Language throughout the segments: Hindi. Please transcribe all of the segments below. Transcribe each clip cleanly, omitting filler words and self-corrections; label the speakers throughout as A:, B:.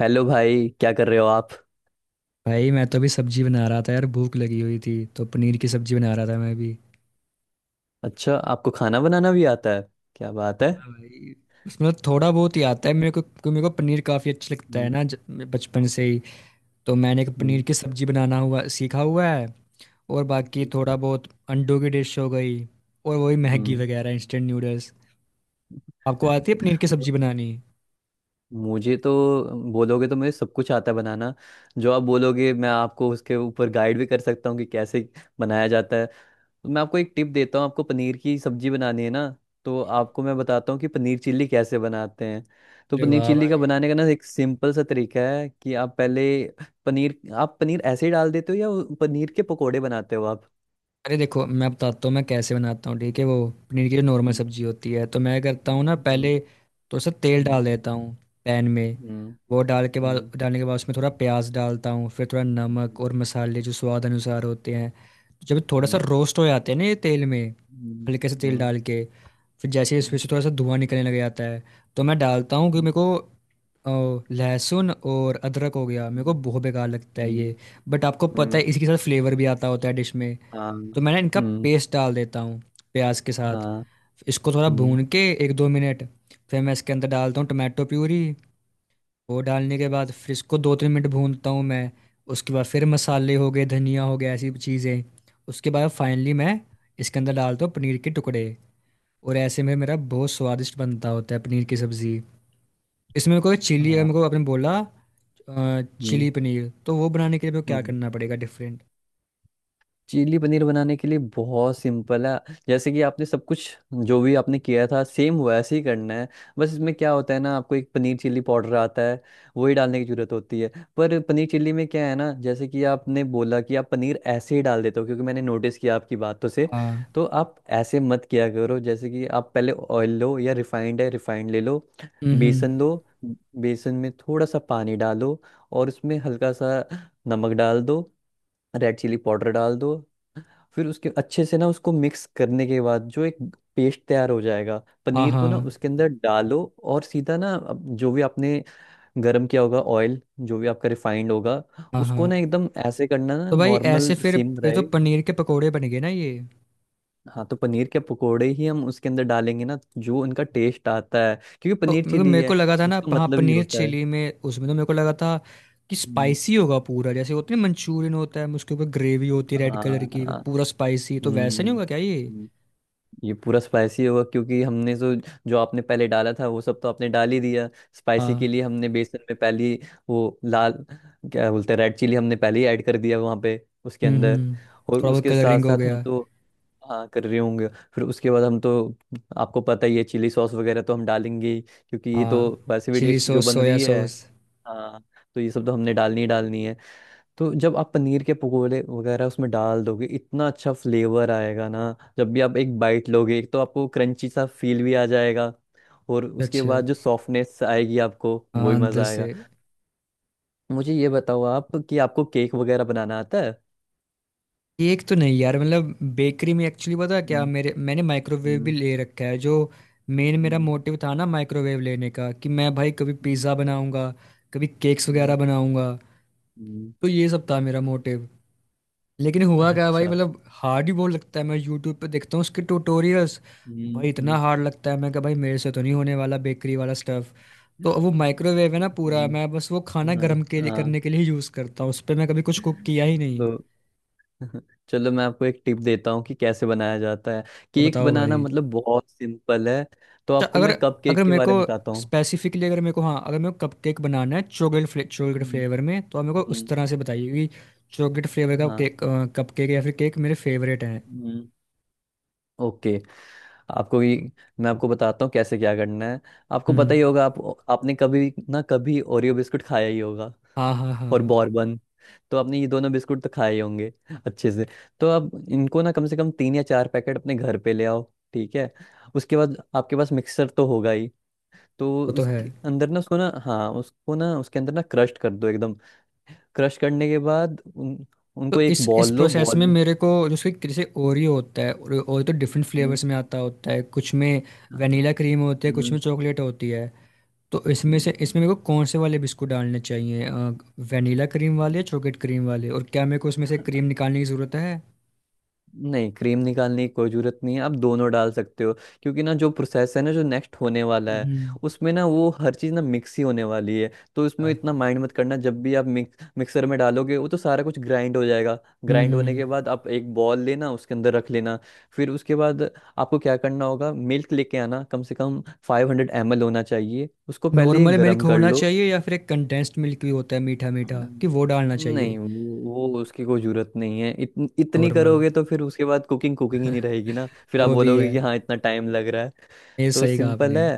A: हेलो भाई, क्या कर रहे हो आप?
B: भाई मैं तो अभी सब्जी बना रहा था यार। भूख लगी हुई थी तो पनीर की सब्जी बना रहा था मैं भी।
A: अच्छा, आपको खाना बनाना भी आता है? क्या बात है।
B: हाँ भाई। उसमें तो थोड़ा बहुत ही आता है मेरे को क्योंकि मेरे को पनीर काफ़ी अच्छा लगता है
A: हम्म।
B: ना बचपन से ही। तो मैंने एक पनीर
A: हम्म।
B: की सब्जी बनाना हुआ सीखा हुआ है। और बाकी
A: जी।
B: थोड़ा बहुत अंडों की डिश हो गई। और वही मैगी
A: हम्म।
B: वगैरह इंस्टेंट नूडल्स। आपको आती है पनीर की
A: मु-
B: सब्जी बनानी?
A: मुझे तो बोलोगे तो मुझे सब कुछ आता है बनाना। जो आप बोलोगे मैं आपको उसके ऊपर गाइड भी कर सकता हूँ कि कैसे बनाया जाता है। तो मैं आपको एक टिप देता हूँ, आपको पनीर की सब्जी बनानी है ना, तो आपको मैं बताता हूँ कि पनीर चिल्ली कैसे बनाते हैं। तो
B: अरे
A: पनीर
B: वाह
A: चिल्ली का
B: भाई।
A: बनाने का ना एक सिंपल सा तरीका है कि आप पहले पनीर, आप पनीर ऐसे ही डाल देते हो या वो पनीर के पकोड़े बनाते हो आप?
B: अरे देखो मैं बताता हूँ मैं कैसे बनाता हूँ, ठीक है। वो पनीर की जो नॉर्मल
A: हम्म,
B: सब्जी होती है तो मैं करता हूँ ना,
A: हम्म,
B: पहले थोड़ा सा तेल
A: हम्म,
B: डाल देता हूँ पैन में।
A: हम्म,
B: वो डाल के बाद
A: हम्म,
B: डालने के बाद उसमें थोड़ा प्याज डालता हूँ, फिर थोड़ा नमक और मसाले जो स्वाद अनुसार होते हैं। जब थोड़ा सा
A: हम्म,
B: रोस्ट हो जाते हैं ना ये तेल में,
A: हम्म,
B: हल्के से तेल
A: हम्म,
B: डाल के, फिर जैसे ही इसमें
A: हम्म,
B: से थोड़ा सा धुआं निकलने लग जाता है तो मैं डालता हूँ कि मेरे
A: हम्म,
B: को लहसुन और अदरक हो गया मेरे
A: हम्म,
B: को बहुत बेकार लगता है
A: हम्म,
B: ये। बट आपको
A: हम्म।
B: पता
A: हम्म,
B: है इसके साथ फ्लेवर भी आता होता है डिश में।
A: हाँ।
B: तो मैंने इनका
A: हम्म।
B: पेस्ट डाल देता हूँ प्याज के साथ,
A: हाँ।
B: इसको थोड़ा
A: हम्म।
B: भून के एक दो मिनट। फिर मैं इसके अंदर डालता हूँ टमाटो प्यूरी। वो डालने के बाद फिर इसको दो तीन मिनट भूनता हूँ मैं। उसके बाद फिर मसाले हो गए, धनिया हो गया, ऐसी चीज़ें। उसके बाद फाइनली मैं इसके अंदर डालता हूँ पनीर के टुकड़े। और ऐसे में मेरा बहुत स्वादिष्ट बनता होता है पनीर की सब्ज़ी। इसमें कोई चिली अगर
A: हाँ।
B: मेरे को आपने बोला
A: हम्म।
B: चिली पनीर, तो वो बनाने के लिए मेरे को क्या
A: हम्म।
B: करना पड़ेगा डिफरेंट?
A: चिली पनीर बनाने के लिए बहुत सिंपल है। जैसे कि आपने सब कुछ, जो भी आपने किया था, सेम वैसे ही करना है। बस इसमें क्या होता है ना, आपको एक पनीर चिली पाउडर आता है, वही डालने की जरूरत होती है। पर पनीर चिली में क्या है ना, जैसे कि आपने बोला कि आप पनीर ऐसे ही डाल देते हो, क्योंकि मैंने नोटिस किया आपकी बातों से,
B: हाँ।
A: तो आप ऐसे मत किया करो। जैसे कि आप पहले ऑयल लो, या रिफाइंड है रिफाइंड ले लो।
B: हम्म हम्म।
A: बेसन लो, बेसन में थोड़ा सा पानी डालो, और उसमें हल्का सा नमक डाल दो, रेड चिली पाउडर डाल दो। फिर उसके अच्छे से ना उसको मिक्स करने के बाद जो एक पेस्ट तैयार हो जाएगा,
B: हाँ
A: पनीर को
B: हाँ
A: ना उसके अंदर डालो, और सीधा ना अब जो भी आपने गर्म किया होगा ऑयल, जो भी आपका रिफाइंड होगा,
B: हाँ।
A: उसको ना
B: हाँ।
A: एकदम ऐसे करना ना,
B: तो भाई ऐसे
A: नॉर्मल
B: फिर
A: सिम
B: ये तो
A: रहे।
B: पनीर के पकोड़े बन गए ना ये।
A: हाँ, तो पनीर के पकोड़े ही हम उसके अंदर डालेंगे ना, जो उनका टेस्ट आता है, क्योंकि
B: तो
A: पनीर
B: मेरे को
A: चिली
B: मेरे को
A: है,
B: लगा था ना
A: उसका
B: हाँ,
A: मतलब ही
B: पनीर
A: होता है।
B: चिली में उसमें तो मेरे को लगा था कि
A: हम्म,
B: स्पाइसी होगा पूरा, जैसे होती है मंचूरियन, होता है उसके ऊपर ग्रेवी होती है रेड
A: हाँ
B: कलर की
A: हाँ,
B: पूरा स्पाइसी, तो वैसा नहीं
A: हम्म।
B: होगा क्या ये?
A: हम्म। ये पूरा स्पाइसी होगा, क्योंकि हमने जो, जो आपने पहले डाला था वो सब तो आपने डाल ही दिया। स्पाइसी
B: हाँ।
A: के लिए हमने बेसन में पहले ही वो लाल, क्या बोलते हैं, रेड चिली हमने पहले ही ऐड कर दिया वहाँ पे, उसके अंदर।
B: हम्म।
A: और
B: थोड़ा बहुत
A: उसके साथ
B: कलरिंग हो
A: साथ हम
B: गया।
A: तो हाँ कर रहे होंगे। फिर उसके बाद हम तो, आपको पता ही है, चिली सॉस वगैरह तो हम डालेंगे ही, क्योंकि ये
B: हाँ।
A: तो वैसे भी
B: चिली
A: डिश जो
B: सॉस
A: बन
B: सोया
A: रही है।
B: सॉस।
A: हाँ, तो ये सब तो हमने डालनी ही डालनी है। तो जब आप पनीर के पकोड़े वगैरह उसमें डाल दोगे, इतना अच्छा फ्लेवर आएगा ना। जब भी आप एक बाइट लोगे, एक तो आपको क्रंची सा फील भी आ जाएगा, और उसके बाद
B: अच्छा।
A: जो सॉफ्टनेस आएगी आपको, वो
B: हाँ
A: ही
B: अंदर
A: मज़ा आएगा।
B: से।
A: मुझे ये बताओ आप कि आपको केक वगैरह बनाना आता है?
B: केक तो नहीं यार, मतलब बेकरी में एक्चुअली पता है क्या
A: हम्म।
B: मेरे मैंने माइक्रोवेव भी
A: हम्म।
B: ले रखा है, जो मेन मेरा
A: हम्म।
B: मोटिव था ना माइक्रोवेव लेने का कि मैं भाई कभी पिज़्ज़ा बनाऊंगा, कभी केक्स वगैरह
A: हम्म।
B: बनाऊंगा।
A: हम्म।
B: तो ये सब था मेरा मोटिव। लेकिन हुआ क्या भाई,
A: अच्छा।
B: मतलब हार्ड ही बहुत लगता है, मैं यूट्यूब पे देखता हूँ उसके ट्यूटोरियल्स,
A: हम्म,
B: भाई इतना
A: हम्म,
B: हार्ड लगता है मैं कहा भाई मेरे से तो नहीं होने वाला बेकरी वाला स्टफ। तो अब वो माइक्रोवेव है ना पूरा,
A: हम्म,
B: मैं बस वो खाना
A: हाँ।
B: गर्म के लिए
A: हाँ,
B: करने के लिए यूज़ करता हूँ, उस पर मैं कभी कुछ कुक किया ही नहीं।
A: तो चलो मैं आपको एक टिप देता हूँ कि कैसे बनाया जाता है।
B: तो
A: केक
B: बताओ
A: बनाना
B: भाई।
A: मतलब बहुत सिंपल है। तो
B: अच्छा,
A: आपको
B: अगर
A: मैं कप
B: अगर
A: केक के
B: मेरे को
A: बारे में बताता हूँ।
B: स्पेसिफिकली, अगर मेरे को हाँ अगर मेरे को कपकेक बनाना है चॉकलेट चॉकलेट
A: हम्म,
B: फ्लेवर में तो आप मेरे को उस
A: हम्म,
B: तरह से बताइए कि चॉकलेट फ्लेवर का
A: हाँ।
B: केक, कपकेक या फिर केक मेरे फेवरेट हैं।
A: हम्म, ओके। आपको ये, मैं आपको बताता हूँ कैसे क्या करना है। आपको पता
B: हम्म।
A: ही होगा, आप आपने कभी ना कभी ओरियो बिस्कुट खाया ही होगा,
B: हाँ हाँ
A: और
B: हाँ।
A: बॉर्बन। तो आपने ये दोनों बिस्कुट तो खाए ही होंगे अच्छे से। तो आप इनको ना कम से कम 3 या 4 पैकेट अपने घर पे ले आओ। ठीक है? उसके बाद आपके पास मिक्सर तो होगा ही, तो
B: वो तो है।
A: उसके अंदर ना उसको ना, हाँ उसको ना उसके अंदर ना क्रश कर दो एकदम। क्रश करने के बाद
B: तो
A: उनको एक
B: इस
A: बॉल
B: इस
A: लो,
B: प्रोसेस में
A: बॉल।
B: मेरे को जो उसके जैसे ओरियो होता है, ओरियो तो डिफरेंट
A: हम्म,
B: फ्लेवर्स में आता होता है, कुछ में
A: हाँ,
B: वनीला क्रीम होती है कुछ में चॉकलेट होती है, तो इसमें से
A: हम्म।
B: इसमें मेरे को कौन से वाले बिस्कुट डालने चाहिए, वनीला क्रीम वाले या चॉकलेट क्रीम वाले? और क्या मेरे को उसमें से क्रीम निकालने की ज़रूरत है?
A: नहीं, क्रीम निकालने की कोई ज़रूरत नहीं है, आप दोनों डाल सकते हो। क्योंकि ना जो प्रोसेस है ना, जो नेक्स्ट होने वाला है
B: हम्म
A: उसमें ना वो हर चीज़ ना मिक्स ही होने वाली है, तो इसमें इतना माइंड मत करना। जब भी आप मिक्स, मिक्सर में डालोगे वो तो सारा कुछ ग्राइंड हो जाएगा। ग्राइंड होने
B: हम्म।
A: के बाद आप एक बॉल लेना, उसके अंदर रख लेना। फिर उसके बाद आपको क्या करना होगा, मिल्क लेके आना, कम से कम 500 ml होना चाहिए। उसको पहले
B: नॉर्मल मिल्क
A: गर्म कर
B: होना
A: लो।
B: चाहिए या फिर एक कंडेंस्ड मिल्क भी होता है मीठा मीठा,
A: हम्म,
B: कि वो डालना चाहिए?
A: नहीं वो, वो उसकी कोई जरूरत नहीं है। इतनी
B: नॉर्मल।
A: करोगे तो फिर उसके बाद कुकिंग, कुकिंग ही नहीं रहेगी ना, फिर आप
B: वो भी है।
A: बोलोगे कि हाँ इतना टाइम लग रहा है।
B: ये
A: तो
B: सही कहा
A: सिंपल
B: आपने।
A: है।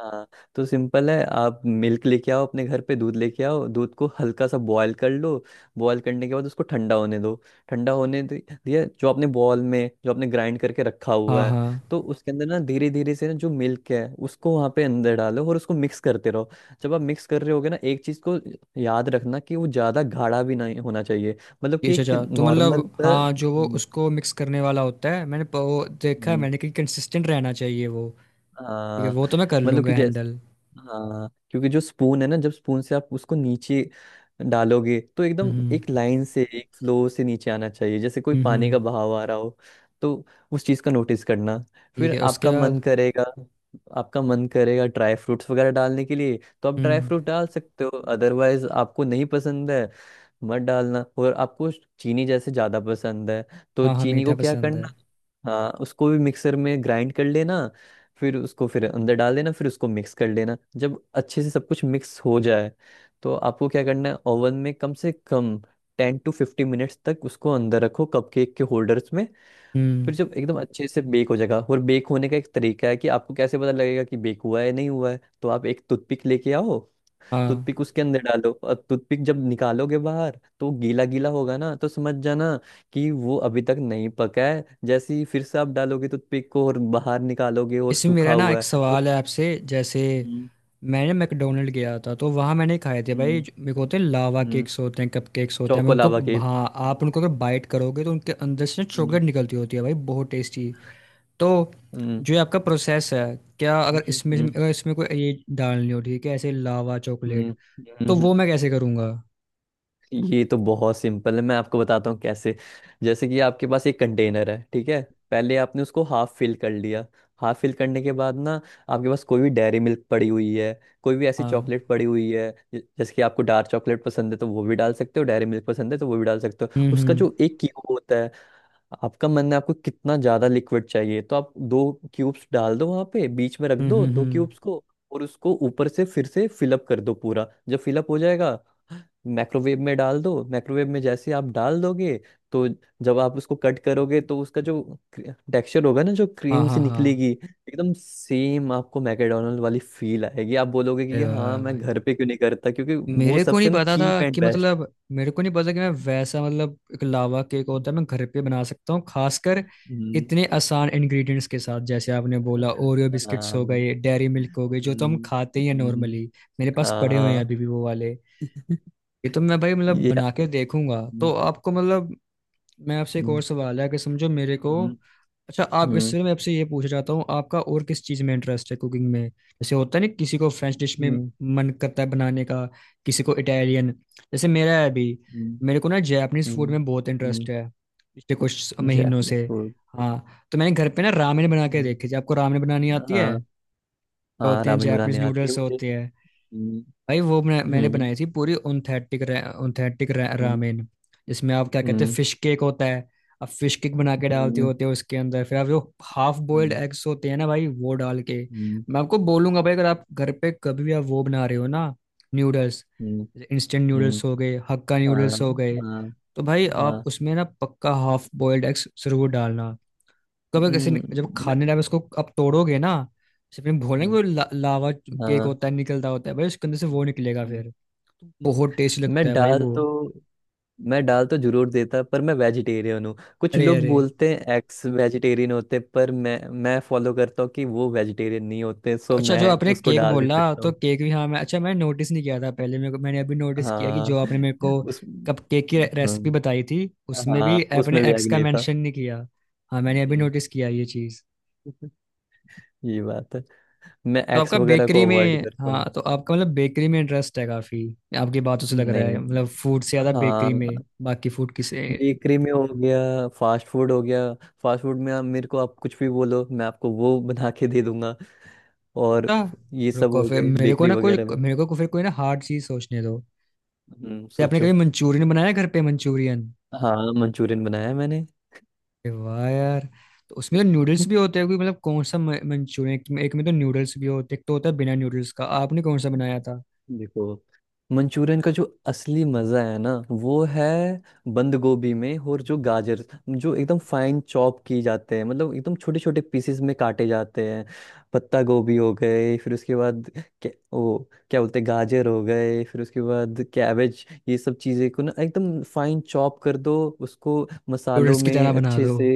A: हाँ, तो सिंपल है, आप मिल्क लेके आओ, अपने घर पे दूध लेके आओ, दूध को हल्का सा बॉयल कर लो। बॉयल करने के बाद उसको ठंडा होने दो। ठंडा होने दिया, जो आपने बॉल में जो आपने ग्राइंड करके रखा
B: हाँ
A: हुआ है,
B: हाँ।
A: तो उसके अंदर ना धीरे धीरे से ना जो मिल्क है, उसको वहाँ पे अंदर डालो, और उसको मिक्स करते रहो। जब आप मिक्स कर रहे होगे ना एक चीज़ को याद रखना कि वो ज़्यादा गाढ़ा भी नहीं होना चाहिए। मतलब
B: ये
A: कि
B: अच्छा
A: एक
B: अच्छा, तो
A: नॉर्मल
B: मतलब
A: सा।
B: हाँ, जो वो उसको मिक्स करने वाला होता है मैंने वो देखा है
A: हम्म,
B: मैंने कि कंसिस्टेंट रहना चाहिए वो। ठीक है,
A: हाँ।
B: वो तो मैं कर
A: मतलब
B: लूँगा
A: कि जैसे,
B: हैंडल।
A: हाँ, क्योंकि जो स्पून है ना, जब स्पून से आप उसको नीचे डालोगे तो
B: हम्म
A: एकदम
B: हम्म
A: एक लाइन से, एक फ्लो से नीचे आना चाहिए, जैसे कोई
B: हम्म,
A: पानी
B: हम्म।
A: का बहाव आ रहा हो। तो उस चीज़ का नोटिस करना।
B: ठीक
A: फिर
B: है उसके
A: आपका मन
B: बाद?
A: करेगा, आपका मन करेगा ड्राई फ्रूट्स वगैरह डालने के लिए, तो आप ड्राई
B: हम्म।
A: फ्रूट डाल सकते हो, अदरवाइज आपको नहीं पसंद है मत डालना। और आपको चीनी जैसे ज़्यादा पसंद है, तो
B: हाँ हाँ
A: चीनी
B: मीठा
A: को क्या
B: पसंद है।
A: करना, हाँ उसको भी मिक्सर में ग्राइंड कर लेना। फिर उसको फिर अंदर डाल देना, फिर उसको मिक्स कर लेना। जब अच्छे से सब कुछ मिक्स हो जाए, तो आपको क्या करना है, ओवन में कम से कम 10 to 50 minutes तक उसको अंदर रखो, कपकेक के होल्डर्स में।
B: हम्म।
A: फिर जब एकदम अच्छे से बेक हो जाएगा, और बेक होने का एक तरीका है कि आपको कैसे पता लगेगा कि बेक हुआ है नहीं हुआ है, तो आप एक टूथपिक लेके आओ, टूथपिक
B: हाँ।
A: उसके अंदर डालो, और टूथपिक जब निकालोगे बाहर तो गीला गीला होगा ना, तो समझ जाना कि वो अभी तक नहीं पका है। जैसे ही फिर से आप डालोगे टूथपिक को और बाहर निकालोगे और
B: इसमें
A: सूखा
B: मेरा ना
A: हुआ
B: एक
A: है तो।
B: सवाल है आपसे, जैसे
A: हम्म।
B: मैंने मैकडोनल्ड गया था तो वहाँ मैंने खाए थे भाई
A: हम्म।
B: मेरे को होते हैं लावा
A: हम्म।
B: केक्स होते हैं कप केक्स होते हैं मैं उनको।
A: Choco lava cake.
B: हाँ, आप उनको अगर बाइट करोगे तो उनके अंदर से
A: हम्म।
B: चॉकलेट निकलती होती है भाई, बहुत टेस्टी। तो
A: हम्म।
B: जो ये आपका प्रोसेस है, क्या अगर
A: हम्म।
B: इसमें
A: हम्म।
B: अगर इसमें कोई ये डालनी हो, ठीक है ऐसे लावा
A: हम्म,
B: चॉकलेट, तो
A: हम्म।
B: वो मैं कैसे करूँगा?
A: ये तो बहुत सिंपल है, मैं आपको बताता हूँ कैसे। जैसे कि आपके पास एक कंटेनर है, ठीक है, पहले आपने उसको हाफ फिल कर लिया। हाफ फिल करने के बाद ना, आपके पास कोई भी डेयरी मिल्क पड़ी हुई है, कोई भी ऐसी
B: हाँ।
A: चॉकलेट पड़ी हुई है, जैसे कि आपको डार्क चॉकलेट पसंद है तो वो भी डाल सकते हो, डेयरी मिल्क पसंद है तो वो भी डाल सकते हो।
B: हम्म
A: उसका
B: हम्म
A: जो एक क्यूब होता है, आपका मन है आपको कितना ज्यादा लिक्विड चाहिए, तो आप दो क्यूब्स डाल दो, वहां पे बीच में रख
B: हम्म।
A: दो दो क्यूब्स को। और उसको ऊपर से फिर से फिलअप कर दो पूरा। जब फिलअप हो जाएगा, माइक्रोवेव में डाल दो। माइक्रोवेव में जैसे आप डाल दोगे, तो जब आप उसको कट करोगे, तो उसका जो टेक्सचर होगा ना, जो
B: हाँ
A: क्रीम
B: हाँ
A: से
B: हाँ।
A: निकलेगी, एकदम सेम आपको मैकडोनल्ड वाली फील आएगी। आप बोलोगे
B: अरे
A: कि हाँ,
B: वाह
A: मैं
B: भाई।
A: घर पे क्यों नहीं करता, क्योंकि वो
B: मेरे को नहीं
A: सबसे ना
B: पता था
A: चीप एंड
B: कि
A: बेस्ट।
B: मतलब मेरे को नहीं पता कि मैं वैसा, मतलब एक लावा केक होता है, मैं घर पे बना सकता हूँ खासकर
A: हम्म।
B: इतने आसान इंग्रेडिएंट्स के साथ, जैसे आपने बोला ओरियो बिस्किट्स
A: हाँ।
B: हो गए डेयरी मिल्क हो गई, जो तो हम
A: हम्म,
B: खाते ही हैं
A: हम्म,
B: नॉर्मली। मेरे पास पड़े हुए हैं
A: हाँ।
B: अभी भी वो वाले। ये तो मैं भाई मतलब
A: ये।
B: बना के देखूंगा,
A: हम्म,
B: तो आपको मतलब मैं आपसे एक
A: हम्म,
B: और सवाल है कि समझो मेरे को।
A: हम्म,
B: अच्छा
A: हम्म,
B: आप इससे मैं आपसे ये पूछ चाहता हूँ, आपका और किस चीज़ में इंटरेस्ट है कुकिंग में, जैसे होता है ना किसी को फ्रेंच डिश में
A: हम्म,
B: मन करता है बनाने का, किसी को इटालियन, जैसे मेरा है अभी,
A: हम्म,
B: मेरे को ना जापानीज फूड
A: हम्म,
B: में बहुत
A: हम्म।
B: इंटरेस्ट है पिछले कुछ महीनों से।
A: Japanese food.
B: हाँ, तो मैंने घर पे ना रामेन बना के
A: हम्म,
B: देखे, जब आपको रामेन बनानी आती है,
A: हाँ।
B: तो
A: हाँ,
B: होते हैं
A: रामेन
B: जापानीज
A: बनाने आती है
B: नूडल्स
A: मुझे।
B: होते हैं
A: हम्म,
B: भाई। वो मैंने
A: हम्म,
B: बनाई थी पूरी ऑथेंटिक, ऑथेंटिक
A: हम्म,
B: रामेन, जिसमें आप क्या कहते हैं
A: हम्म,
B: फिश केक होता है, आप फिश केक बना के डालते
A: हम्म,
B: होते हो उसके अंदर, फिर आप जो हाफ बॉइल्ड
A: हम्म,
B: एग्स होते हैं ना भाई वो डाल के।
A: हम्म,
B: मैं आपको बोलूंगा भाई अगर आप घर पे कभी भी आप वो बना रहे हो ना, noodles,
A: hmm,
B: instant
A: hmm.
B: Noodles हो गए हक्का
A: हाँ
B: नूडल्स हो गए,
A: हाँ
B: तो भाई आप
A: हाँ।
B: उसमें ना पक्का हाफ बॉइल्ड एग्स जरूर डालना। कब कैसे
A: हम्म।
B: जब
A: मैं।
B: खाने डाले उसको आप तोड़ोगे ना, उसमें भोलेंगे
A: हम्म,
B: वो लावा केक
A: हाँ।
B: होता है, निकलता होता है भाई उसके अंदर से
A: हम्म,
B: वो निकलेगा
A: हम्म,
B: फिर। बहुत टेस्टी लगता
A: मैं
B: है भाई
A: दाल
B: वो।
A: तो मैं डाल तो जरूर देता, पर मैं वेजिटेरियन हूँ। कुछ
B: अरे
A: लोग
B: अरे।
A: बोलते हैं एक्स वेजिटेरियन होते, पर मैं फॉलो करता हूँ कि वो वेजिटेरियन नहीं होते,
B: तो
A: सो
B: अच्छा जो
A: मैं
B: आपने
A: उसको
B: केक
A: डाल नहीं
B: बोला,
A: सकता
B: तो
A: हूँ।
B: केक भी, हाँ मैं अच्छा मैंने नोटिस नहीं किया था पहले मेरे को, मैंने अभी नोटिस किया कि
A: हाँ।
B: जो आपने मेरे को
A: उस,
B: कप केक की
A: हाँ।
B: रेसिपी बताई थी, उसमें
A: हाँ
B: भी आपने
A: उसमें
B: एग्स
A: व्याग
B: का
A: नहीं था।
B: मेंशन नहीं किया। हाँ, मैंने अभी
A: हम्म,
B: नोटिस किया ये चीज़।
A: ये बात है, मैं
B: तो
A: एक्स
B: आपका
A: वगैरह
B: बेकरी
A: को अवॉइड
B: में,
A: करता
B: हाँ
A: हूँ।
B: तो आपका मतलब बेकरी में इंटरेस्ट है काफ़ी, आपकी बातों से लग रहा है,
A: नहीं।
B: मतलब फूड से ज़्यादा बेकरी
A: हाँ,
B: में, बाकी फूड किसे।
A: बेकरी में हो गया, फास्ट फूड हो गया। फास्ट फूड में आप मेरे को आप कुछ भी बोलो, मैं आपको वो बना के दे दूंगा। और
B: अच्छा,
A: ये सब
B: रुको
A: हो
B: फिर
A: गए
B: मेरे को
A: बेकरी
B: ना कोई,
A: वगैरह में।
B: मेरे को फिर कोई ना हार्ड चीज़ सोचने दो। क्या आपने
A: सोचो।
B: कभी मंचूरियन बनाया घर पे मंचूरियन?
A: हाँ, मंचूरियन बनाया मैंने।
B: अरे वाह यार। तो उसमें तो नूडल्स भी होते हैं, कोई मतलब कौन सा मंचूरियन, एक एक में तो नूडल्स भी होते हैं, एक तो होता है बिना नूडल्स का, आपने कौन सा बनाया था?
A: देखो, मंचूरियन का जो असली मजा है ना वो है, बंद गोभी में और जो गाजर, जो एकदम फाइन चॉप की जाते हैं, मतलब एकदम छोटे छोटे पीसेस में काटे जाते हैं। पत्ता गोभी हो गए, फिर उसके बाद क्या, वो क्या बोलते हैं, गाजर हो गए, फिर उसके बाद कैबेज, ये सब चीज़ें को ना एकदम फाइन चॉप कर दो। उसको मसालों
B: नूडल्स की तरह
A: में
B: बना
A: अच्छे
B: दो।
A: से,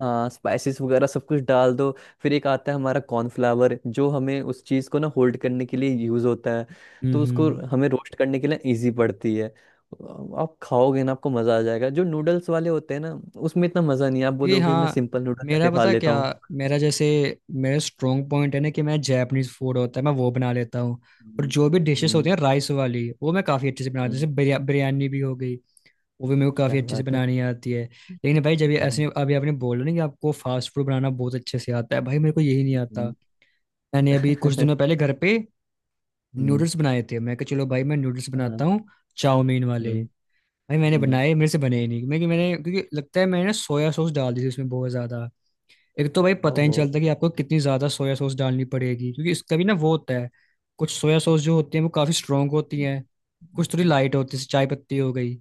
A: हाँ स्पाइसेस वगैरह सब कुछ डाल दो। फिर एक आता है हमारा कॉर्नफ्लावर, जो हमें उस चीज़ को ना होल्ड करने के लिए यूज़ होता है,
B: हम्म
A: तो उसको
B: हम्म।
A: हमें रोस्ट करने के लिए इजी पड़ती है। आप खाओगे ना आपको मज़ा आ जाएगा। जो नूडल्स वाले होते हैं ना, उसमें इतना मज़ा नहीं है। आप
B: ये
A: बोलोगे मैं
B: हाँ।
A: सिंपल नूडल
B: मेरा
A: जाके खा
B: पता
A: लेता
B: क्या,
A: हूँ।
B: मेरा जैसे, मेरा स्ट्रॉन्ग पॉइंट है ना कि मैं जैपनीज फूड होता है मैं वो बना लेता हूँ, और
A: हम्म,
B: जो भी डिशेस होती
A: हम्म,
B: हैं राइस वाली वो मैं काफ़ी अच्छे से बनाता हूँ,
A: हम्म,
B: जैसे बिरयानी भी हो गई, वो भी मेरे को
A: क्या
B: काफ़ी अच्छे से
A: बात है।
B: बनानी आती है। लेकिन भाई जब ये
A: हम्म,
B: ऐसे अभी आपने बोला ना कि आपको फास्ट फूड बनाना बहुत अच्छे से आता है, भाई मेरे को यही नहीं आता।
A: हम्म,
B: मैंने अभी कुछ दिनों पहले घर पे
A: हम्म,
B: नूडल्स बनाए थे, मैं कहा चलो भाई मैं नूडल्स
A: हाँ,
B: बनाता हूँ चाउमीन वाले।
A: हम्म,
B: भाई मैंने
A: हम्म,
B: बनाए मेरे से बने ही नहीं, मैंने क्योंकि लगता है मैंने सोया सॉस डाल दी थी उसमें बहुत ज़्यादा। एक तो भाई पता ही नहीं
A: ओहो,
B: चलता कि आपको कितनी ज़्यादा सोया सॉस डालनी पड़ेगी क्योंकि इसका भी ना वो होता है, कुछ सोया सॉस जो होती है वो काफ़ी स्ट्रांग होती हैं, कुछ थोड़ी
A: हम्म,
B: लाइट होती है जैसे चाय पत्ती हो गई।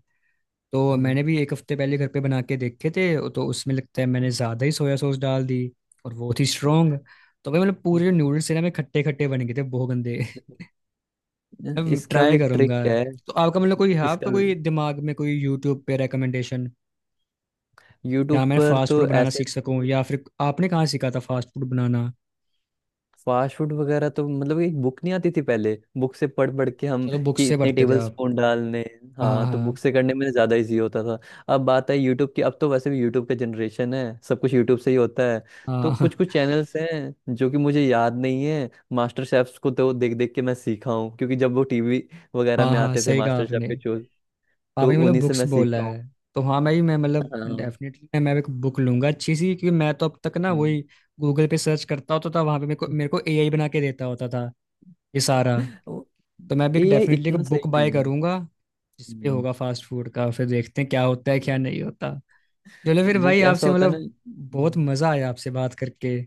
B: तो
A: हम्म,
B: मैंने भी एक हफ्ते पहले घर पे बना के देखे थे, तो उसमें लगता है मैंने ज़्यादा ही सोया सॉस डाल दी, और वो थी स्ट्रांग, तो भाई मतलब
A: हम्म।
B: पूरे जो नूडल्स थे ना मेरे खट्टे खट्टे बन गए थे, बहुत गंदे। अब
A: इसका भी
B: ट्राई
A: एक ट्रिक
B: करूंगा।
A: है।
B: तो आपका मतलब कोई है
A: इसका,
B: आपका कोई दिमाग में कोई यूट्यूब पे रिकमेंडेशन
A: यूट्यूब
B: या मैं
A: पर
B: फास्ट फूड
A: तो
B: बनाना
A: ऐसे,
B: सीख सकूं, या फिर आपने कहाँ सीखा था फास्ट फूड बनाना?
A: फास्ट फूड वगैरह तो मतलब, एक बुक नहीं आती थी पहले, बुक से पढ़ पढ़ के हम,
B: चलो बुक
A: कि
B: से
A: इतने
B: पढ़ते थे
A: टेबल
B: आप।
A: स्पून डालने।
B: हाँ
A: हाँ, तो बुक
B: हाँ
A: से करने में ज्यादा इजी होता था। अब बात है यूट्यूब की, अब तो वैसे भी यूट्यूब का जनरेशन है, सब कुछ यूट्यूब से ही होता है। तो
B: हाँ। हाँ
A: कुछ कुछ चैनल्स हैं, जो कि मुझे याद नहीं है। मास्टर शेफ्स को तो देख देख के मैं सीखा हूँ, क्योंकि जब वो टीवी वगैरह
B: हाँ
A: में
B: हाँ,
A: आते थे,
B: सही कहा
A: मास्टर शेफ
B: आपने।
A: के शो, तो
B: आपने मतलब
A: उन्हीं से
B: बुक्स
A: मैं
B: बोला
A: सीखा हूँ।
B: है, तो हाँ मैं भी मैं मतलब
A: हाँ,
B: डेफिनेटली मैं एक बुक लूंगा अच्छी सी, क्योंकि मैं तो अब तक ना वही गूगल पे सर्च करता होता था, वहां पे मेरे को एआई बना के देता होता था ये सारा। तो मैं भी
A: एआई
B: डेफिनेटली एक
A: इतना
B: बुक
A: सही
B: बाय
A: नहीं
B: करूंगा जिस पे
A: है।
B: होगा फास्ट फूड का, फिर देखते हैं क्या होता है क्या नहीं होता। चलो फिर भाई
A: बुक ऐसा
B: आपसे
A: होता है ना।
B: मतलब बहुत मजा आया आपसे बात करके,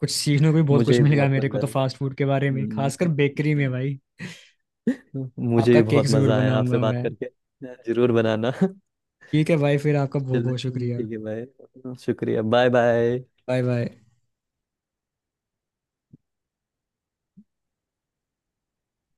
B: कुछ सीखने को भी बहुत
A: मुझे
B: कुछ
A: भी
B: मिलेगा
A: बहुत
B: मेरे को
A: मजा
B: तो
A: आया।
B: फास्ट फूड के बारे में
A: हम्म,
B: खासकर बेकरी में भाई।
A: मुझे
B: आपका
A: भी
B: केक
A: बहुत
B: जरूर
A: मजा आया आपसे
B: बनाऊंगा
A: बात
B: मैं।
A: करके। जरूर बनाना।
B: ठीक है भाई फिर आपका बहुत
A: चलो,
B: बहुत शुक्रिया।
A: ठीक है भाई, शुक्रिया। Bye bye.
B: Bye bye.